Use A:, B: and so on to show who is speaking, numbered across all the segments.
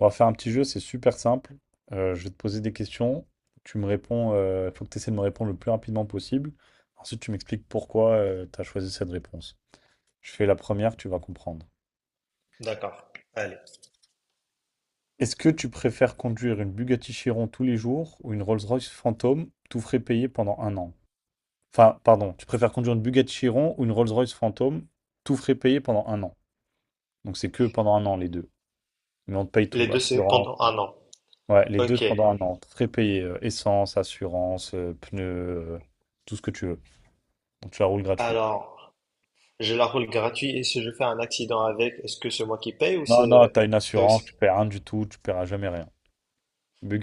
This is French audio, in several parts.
A: On va faire un petit jeu, c'est super simple. Je vais te poser des questions. Tu me réponds, il faut que tu essaies de me répondre le plus rapidement possible. Ensuite, tu m'expliques pourquoi tu as choisi cette réponse. Je fais la première, tu vas comprendre.
B: D'accord, allez.
A: Est-ce que tu préfères conduire une Bugatti Chiron tous les jours ou une Rolls-Royce Phantom, tout frais payé pendant un an? Enfin, pardon, tu préfères conduire une Bugatti Chiron ou une Rolls-Royce Phantom, tout frais payé pendant un an. Donc c'est que pendant un an les deux. Mais on te paye
B: Les
A: tout,
B: deux, c'est
A: assurance.
B: pendant un an.
A: Ouais, les deux
B: Ok.
A: pendant un an. Très payé, essence, assurance, pneus, euh, tout ce que tu veux. Donc tu la roules gratuit.
B: Alors, je la roule gratuit et si je fais un accident avec, est-ce que c'est moi qui paye ou
A: Non, non, t'as une
B: c'est
A: assurance,
B: aussi...
A: tu paies rien du tout, tu paieras jamais rien.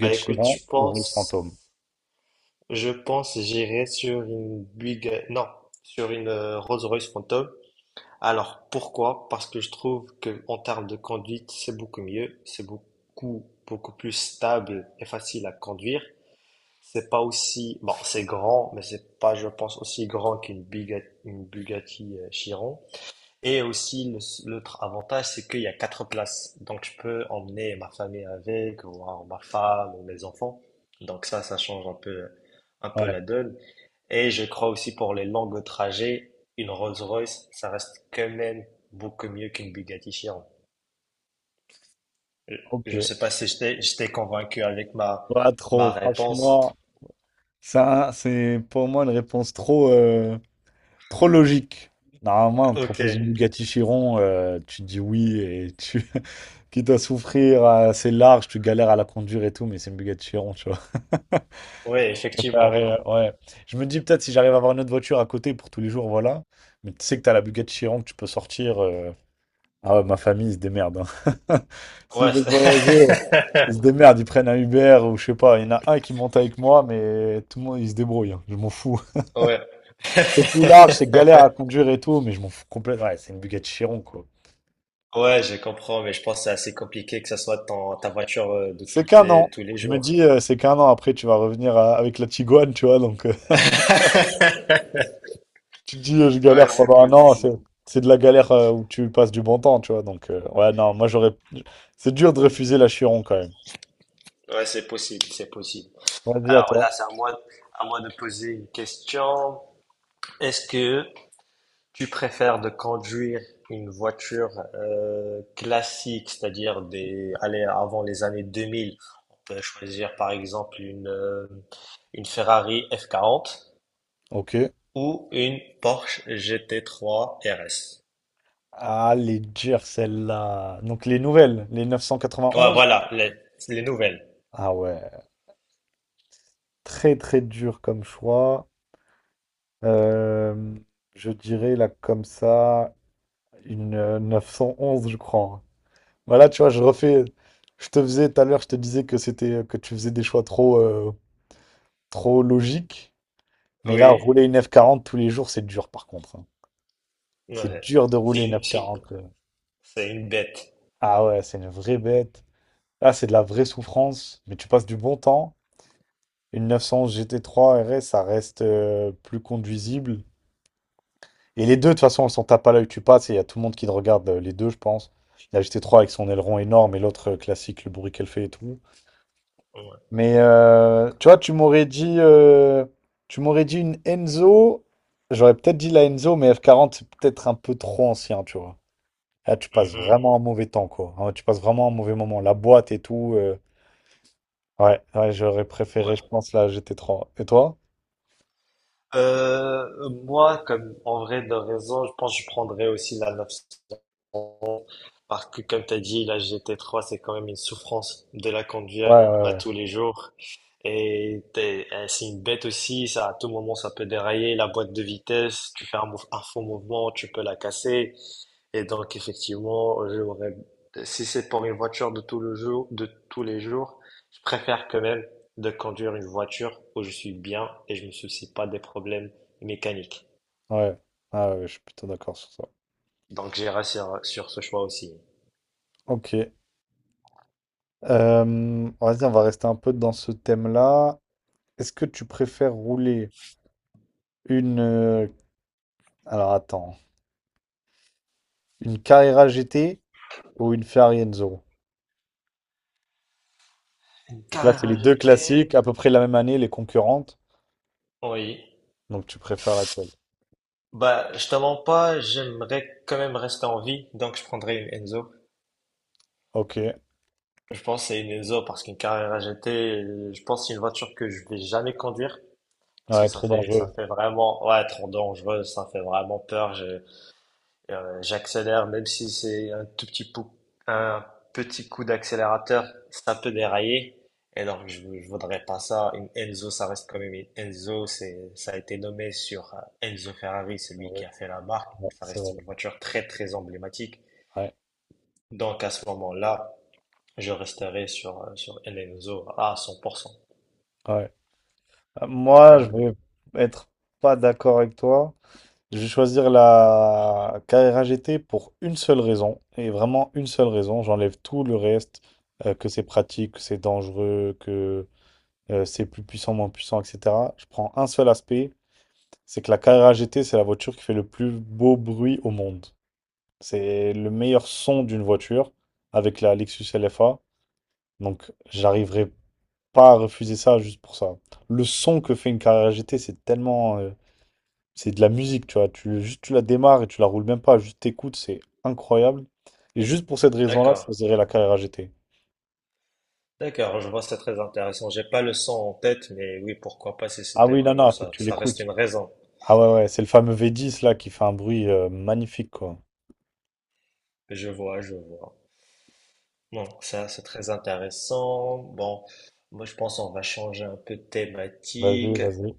B: Ah, écoute,
A: Chiron ou Rolls Phantom.
B: je pense j'irai sur une Buick, non, sur une Rolls-Royce Phantom. Alors, pourquoi? Parce que je trouve que en termes de conduite, c'est beaucoup mieux, c'est beaucoup beaucoup plus stable et facile à conduire. C'est pas aussi, bon, c'est grand, mais c'est pas, je pense, aussi grand qu'une Bugatti Chiron. Et aussi, l'autre avantage, c'est qu'il y a quatre places. Donc, je peux emmener ma famille avec, ou alors ma femme, ou mes enfants. Donc, ça change un peu
A: Ouais,
B: la donne. Et je crois aussi pour les longues trajets, une Rolls-Royce, ça reste quand même beaucoup mieux qu'une Bugatti Chiron. Je je
A: ok.
B: sais pas si je t'ai convaincu avec
A: Pas trop,
B: ma réponse.
A: franchement. Ça, c'est pour moi une réponse trop, trop logique. Normalement, on te
B: Ok,
A: propose une Bugatti Chiron, tu dis oui et tu qui dois souffrir, c'est large, tu galères à la conduire et tout, mais c'est une Bugatti Chiron, tu vois.
B: oui, effectivement.
A: Préparer, ouais. Je me dis peut-être si j'arrive à avoir une autre voiture à côté pour tous les jours, voilà. Mais tu sais que t'as la Bugatti Chiron que tu peux sortir. Ah ouais, ma famille, ils se démerdent, hein. S'ils
B: Ouais,
A: veulent voyager, ils se démerdent. Ils prennent un Uber ou je sais pas. Il y en a un qui monte avec moi, mais tout le monde, il se débrouille, hein. Je m'en fous.
B: ouais.
A: C'est plus large, c'est galère à conduire et tout, mais je m'en fous complètement. Ouais, c'est une Bugatti Chiron, quoi.
B: Ouais, je comprends, mais je pense que c'est assez compliqué que ça soit ta voiture de
A: C'est qu'un an.
B: tous les
A: Je me
B: jours.
A: dis, c'est qu'un an après, tu vas revenir avec la Tiguan, tu vois, donc. Tu te dis, je galère
B: Ouais, c'est
A: pendant un an, c'est
B: possible.
A: c'est de la galère, où tu passes du bon temps, tu vois. Donc, ouais, non, moi j'aurais. C'est dur de refuser la Chiron quand même.
B: Ouais, c'est possible, c'est possible.
A: Vas-y, à
B: Alors
A: toi.
B: là, c'est à moi de poser une question. Est-ce que tu préfères de conduire une voiture classique, c'est-à-dire des, allez, avant les années 2000, on peut choisir par exemple une Ferrari F40,
A: Ok.
B: ou une Porsche GT3 RS.
A: Ah, les dures, celle-là. Donc, les nouvelles, les
B: Ouais,
A: 991.
B: voilà, les nouvelles.
A: Ah ouais, très très dur comme choix. Euh, je dirais là, comme ça, une 911, je crois. Voilà, tu vois, je refais. Je te faisais tout à l'heure, je te disais que c'était que tu faisais des choix trop, trop logiques. Mais là,
B: Oui.
A: rouler une F40 tous les jours, c'est dur par contre, hein. C'est
B: Ouais.
A: dur de rouler
B: C'est
A: une
B: une, c'est une,
A: F40.
B: c'est une bête.
A: Ah ouais, c'est une vraie bête. Là, c'est de la vraie souffrance. Mais tu passes du bon temps. Une 911 GT3 RS, ça reste plus conduisible. Et les deux, de toute façon, elles sont tape à l'œil. Tu passes et il y a tout le monde qui te regarde, les deux, je pense. La GT3 avec son aileron énorme et l'autre classique, le bruit qu'elle fait et tout.
B: Ouais.
A: Mais tu vois, tu m'aurais dit une Enzo. J'aurais peut-être dit la Enzo, mais F40 c'est peut-être un peu trop ancien, tu vois. Là, tu passes
B: Mhm.
A: vraiment un mauvais temps, quoi. Hein, tu passes vraiment un mauvais moment. La boîte et tout. Ouais, ouais, j'aurais préféré,
B: Ouais.
A: je pense, la GT3. Et toi?
B: Moi, comme en vrai de raison, je pense que je prendrais aussi la 911 parce que, comme tu as dit, la GT3, c'est quand même une souffrance de la
A: Ouais,
B: conduire
A: ouais,
B: à
A: ouais.
B: tous les jours. Et c'est une bête aussi, ça, à tout moment, ça peut dérailler, la boîte de vitesse, tu fais un faux mouvement, tu peux la casser. Et donc, effectivement, j'aurais, si c'est pour une voiture de tous les jours, je préfère quand même de conduire une voiture où je suis bien et je me soucie pas des problèmes mécaniques.
A: Ouais, ah ouais, je suis plutôt d'accord sur ça.
B: Donc, j'irai sur ce choix aussi.
A: Ok. Vas-y, on va rester un peu dans ce thème-là. Est-ce que tu préfères rouler une... euh, Alors attends, une Carrera GT ou une Ferrari Enzo.
B: Une
A: Donc là,
B: carrière
A: c'est
B: à
A: les deux
B: jeter.
A: classiques, à peu près la même année, les concurrentes.
B: Oui.
A: Donc tu préfères laquelle?
B: Bah, je te mens pas, j'aimerais quand même rester en vie, donc je prendrais une Enzo.
A: Ok.
B: Je pense que c'est une Enzo parce qu'une Carrera GT, je pense que c'est une voiture que je vais jamais conduire parce que
A: Ouais,
B: ça
A: trop
B: fait ça
A: dangereux.
B: fait vraiment ouais trop dangereux, ça fait vraiment peur. J'accélère, même si c'est un tout petit coup, un petit coup d'accélérateur, ça peut dérailler. Et donc, je voudrais pas ça. Une Enzo, ça reste quand même une Enzo. Ça a été nommé sur Enzo Ferrari,
A: C'est
B: celui qui
A: vrai.
B: a fait la marque.
A: Ouais,
B: Ça
A: c'est
B: reste
A: vrai.
B: une voiture très, très emblématique.
A: Ouais,
B: Donc, à ce moment-là, je resterai sur un Enzo à 100%.
A: ouais. Moi, je
B: Hum,
A: vais être pas d'accord avec toi. Je vais choisir la carrera GT pour une seule raison, et vraiment une seule raison. J'enlève tout le reste, que c'est pratique, que c'est dangereux, que c'est plus puissant, moins puissant, etc. Je prends un seul aspect, c'est que la carrera GT, c'est la voiture qui fait le plus beau bruit au monde. C'est le meilleur son d'une voiture avec la Lexus LFA. Donc, j'arriverai pas à refuser ça juste pour ça. Le son que fait une carrera GT, c'est tellement, c'est de la musique, tu vois. Juste, tu la démarres et tu la roules même pas, juste t'écoutes, c'est incroyable. Et juste pour cette raison-là, je
B: d'accord.
A: choisirais la carrière GT.
B: D'accord, je vois, c'est très intéressant. J'ai pas le son en tête, mais oui, pourquoi pas si
A: Ah
B: c'était
A: oui, non,
B: vraiment
A: non, faut que
B: ça.
A: tu
B: Ça reste
A: l'écoutes.
B: une raison.
A: Ah ouais, ouais, c'est le fameux V10 là qui fait un bruit magnifique, quoi.
B: Je vois, je vois. Non, ça c'est très intéressant. Bon, moi je pense on va changer un peu de
A: Vas-y,
B: thématique.
A: vas-y.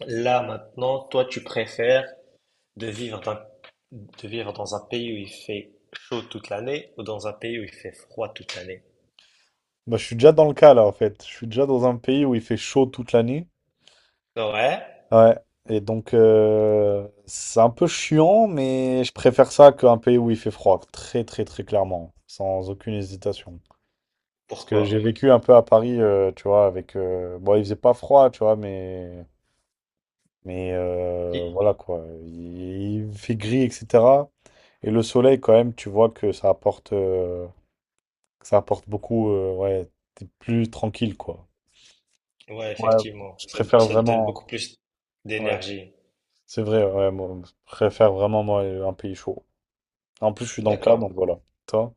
B: Là maintenant, toi tu préfères de vivre dans, de vivre dans un pays où il fait chaud toute l'année ou dans un pays où il fait froid toute l'année?
A: Bah, je suis déjà dans le cas là, en fait. Je suis déjà dans un pays où il fait chaud toute l'année.
B: Ouais,
A: Ouais. Et donc, c'est un peu chiant, mais je préfère ça qu'un pays où il fait froid. Très, très, très clairement. Sans aucune hésitation. Parce que j'ai
B: pourquoi?
A: vécu un peu à Paris, tu vois, bon, il faisait pas froid, tu vois, mais... Mais
B: Et-
A: voilà, quoi. Il fait gris, etc. Et le soleil, quand même, tu vois que que ça apporte beaucoup, ouais, t'es plus tranquille, quoi.
B: Ouais,
A: Ouais,
B: effectivement,
A: je préfère
B: ça te donne
A: vraiment...
B: beaucoup plus
A: Ouais,
B: d'énergie.
A: c'est vrai, ouais, moi, je préfère vraiment, moi, un pays chaud. En plus, je suis dans le cas, donc
B: D'accord.
A: voilà. Toi?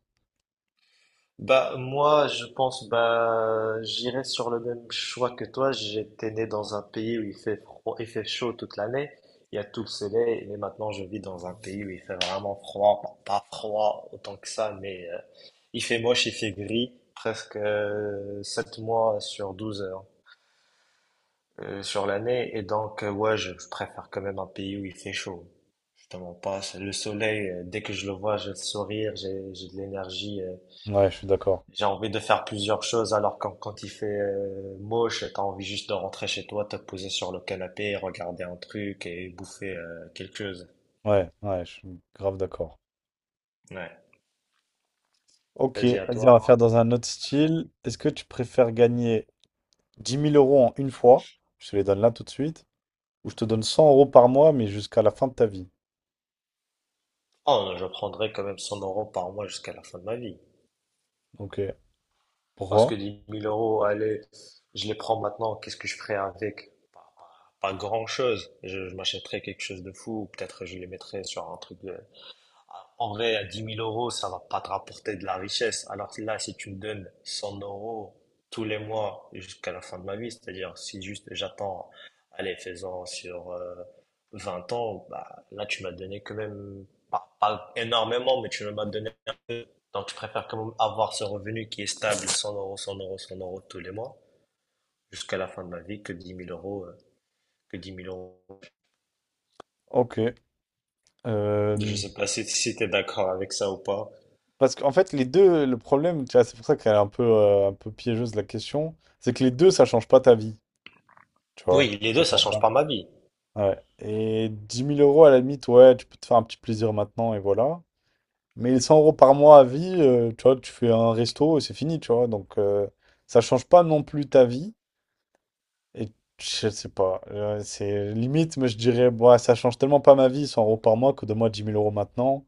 B: Bah, moi, je pense, bah, j'irais sur le même choix que toi. J'étais né dans un pays où il fait froid, il fait chaud toute l'année. Il y a tout le soleil, mais maintenant je vis dans un pays où il fait vraiment froid. Pas froid autant que ça, mais il fait moche, il fait gris, presque 7 mois sur 12 heures sur l'année. Et donc, ouais, je préfère quand même un pays où il fait chaud. Justement, pas c'est le soleil, dès que je le vois, j'ai le sourire, j'ai de l'énergie. euh,
A: Ouais, je suis d'accord.
B: j'ai envie de faire plusieurs choses alors quand il fait moche, t'as envie juste de rentrer chez toi, te poser sur le canapé, regarder un truc et bouffer quelque chose.
A: Ouais, ouais, je suis grave d'accord.
B: Ouais.
A: Ok,
B: Vas-y à
A: vas-y, on va
B: toi.
A: faire dans un autre style. Est-ce que tu préfères gagner 10 000 € en une fois, je te les donne là tout de suite, ou je te donne 100 € par mois, mais jusqu'à la fin de ta vie.
B: Oh, je prendrai quand même 100 euros par mois jusqu'à la fin de ma vie.
A: Ok.
B: Parce que
A: Pourquoi?
B: 10 000 euros, allez, je les prends maintenant, qu'est-ce que je ferai avec? Pas grand-chose. Je m'achèterai quelque chose de fou, ou peut-être je les mettrai sur un truc de... En vrai, à 10 000 euros, ça va pas te rapporter de la richesse. Alors que là, si tu me donnes 100 euros tous les mois jusqu'à la fin de ma vie, c'est-à-dire si juste j'attends, allez, faisant sur 20 ans, bah, là, tu m'as donné quand même, pas énormément, mais tu m'as donné un peu. Donc, je préfère quand même avoir ce revenu qui est stable, 100 euros, 100 euros, 100 euros tous les mois, jusqu'à la fin de ma vie, que dix 000 euros.
A: Ok.
B: Je
A: Euh,
B: sais pas si tu es d'accord avec ça ou pas.
A: parce qu'en fait, les deux, le problème, tu vois, c'est pour ça qu'elle est un peu piégeuse la question, c'est que les deux, ça change pas ta vie, tu vois.
B: Oui, les
A: Ça
B: deux, ça
A: change
B: change
A: pas.
B: pas ma vie.
A: Ouais. Et dix mille euros, à la limite, ouais, tu peux te faire un petit plaisir maintenant, et voilà. Mais les 100 € par mois à vie, tu vois, tu fais un resto et c'est fini, tu vois. Donc, ça change pas non plus ta vie. Et je sais pas. C'est limite, mais je dirais, bah, ça change tellement pas ma vie, 100 € par mois, que de moi 10 000 € maintenant,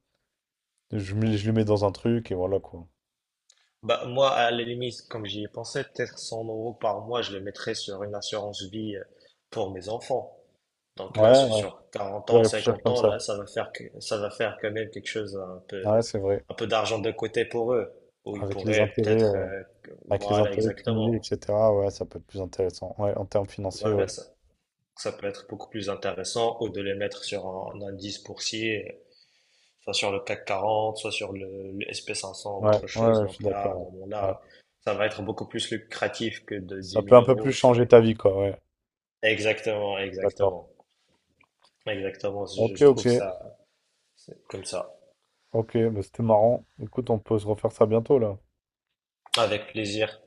A: je le mets dans un truc et voilà quoi.
B: Bah, moi, à la limite, comme j'y ai pensé, peut-être 100 euros par mois, je les mettrais sur une assurance vie pour mes enfants. Donc là,
A: Ouais,
B: sur
A: ouais,
B: sur 40
A: je
B: ans,
A: vais réfléchir
B: 50
A: comme
B: ans,
A: ça.
B: là, ça va faire quand même quelque chose
A: Ouais, c'est vrai.
B: un peu d'argent de côté pour eux, où ils
A: Avec les
B: pourraient
A: intérêts,
B: peut-être,
A: euh, avec les
B: voilà,
A: intérêts cumulés,
B: exactement.
A: etc., ouais, ça peut être plus intéressant. Ouais, en termes financiers,
B: Voilà,
A: ouais.
B: ça peut être beaucoup plus intéressant, ou de les mettre sur un indice boursier soit sur le CAC 40, soit sur le SP500 ou
A: Ouais,
B: autre
A: ouais,
B: chose.
A: ouais, je suis
B: Donc là, à un
A: d'accord. Ouais. Ouais.
B: moment-là, ça va être beaucoup plus lucratif que de 10
A: Ça peut
B: 000
A: un peu plus
B: euros sur...
A: changer ta vie, quoi, ouais.
B: Exactement,
A: Je suis d'accord.
B: exactement. Exactement,
A: Ok,
B: je
A: ok.
B: trouve ça c'est comme ça.
A: Ok, bah, c'était marrant. Écoute, on peut se refaire ça bientôt, là.
B: Avec plaisir.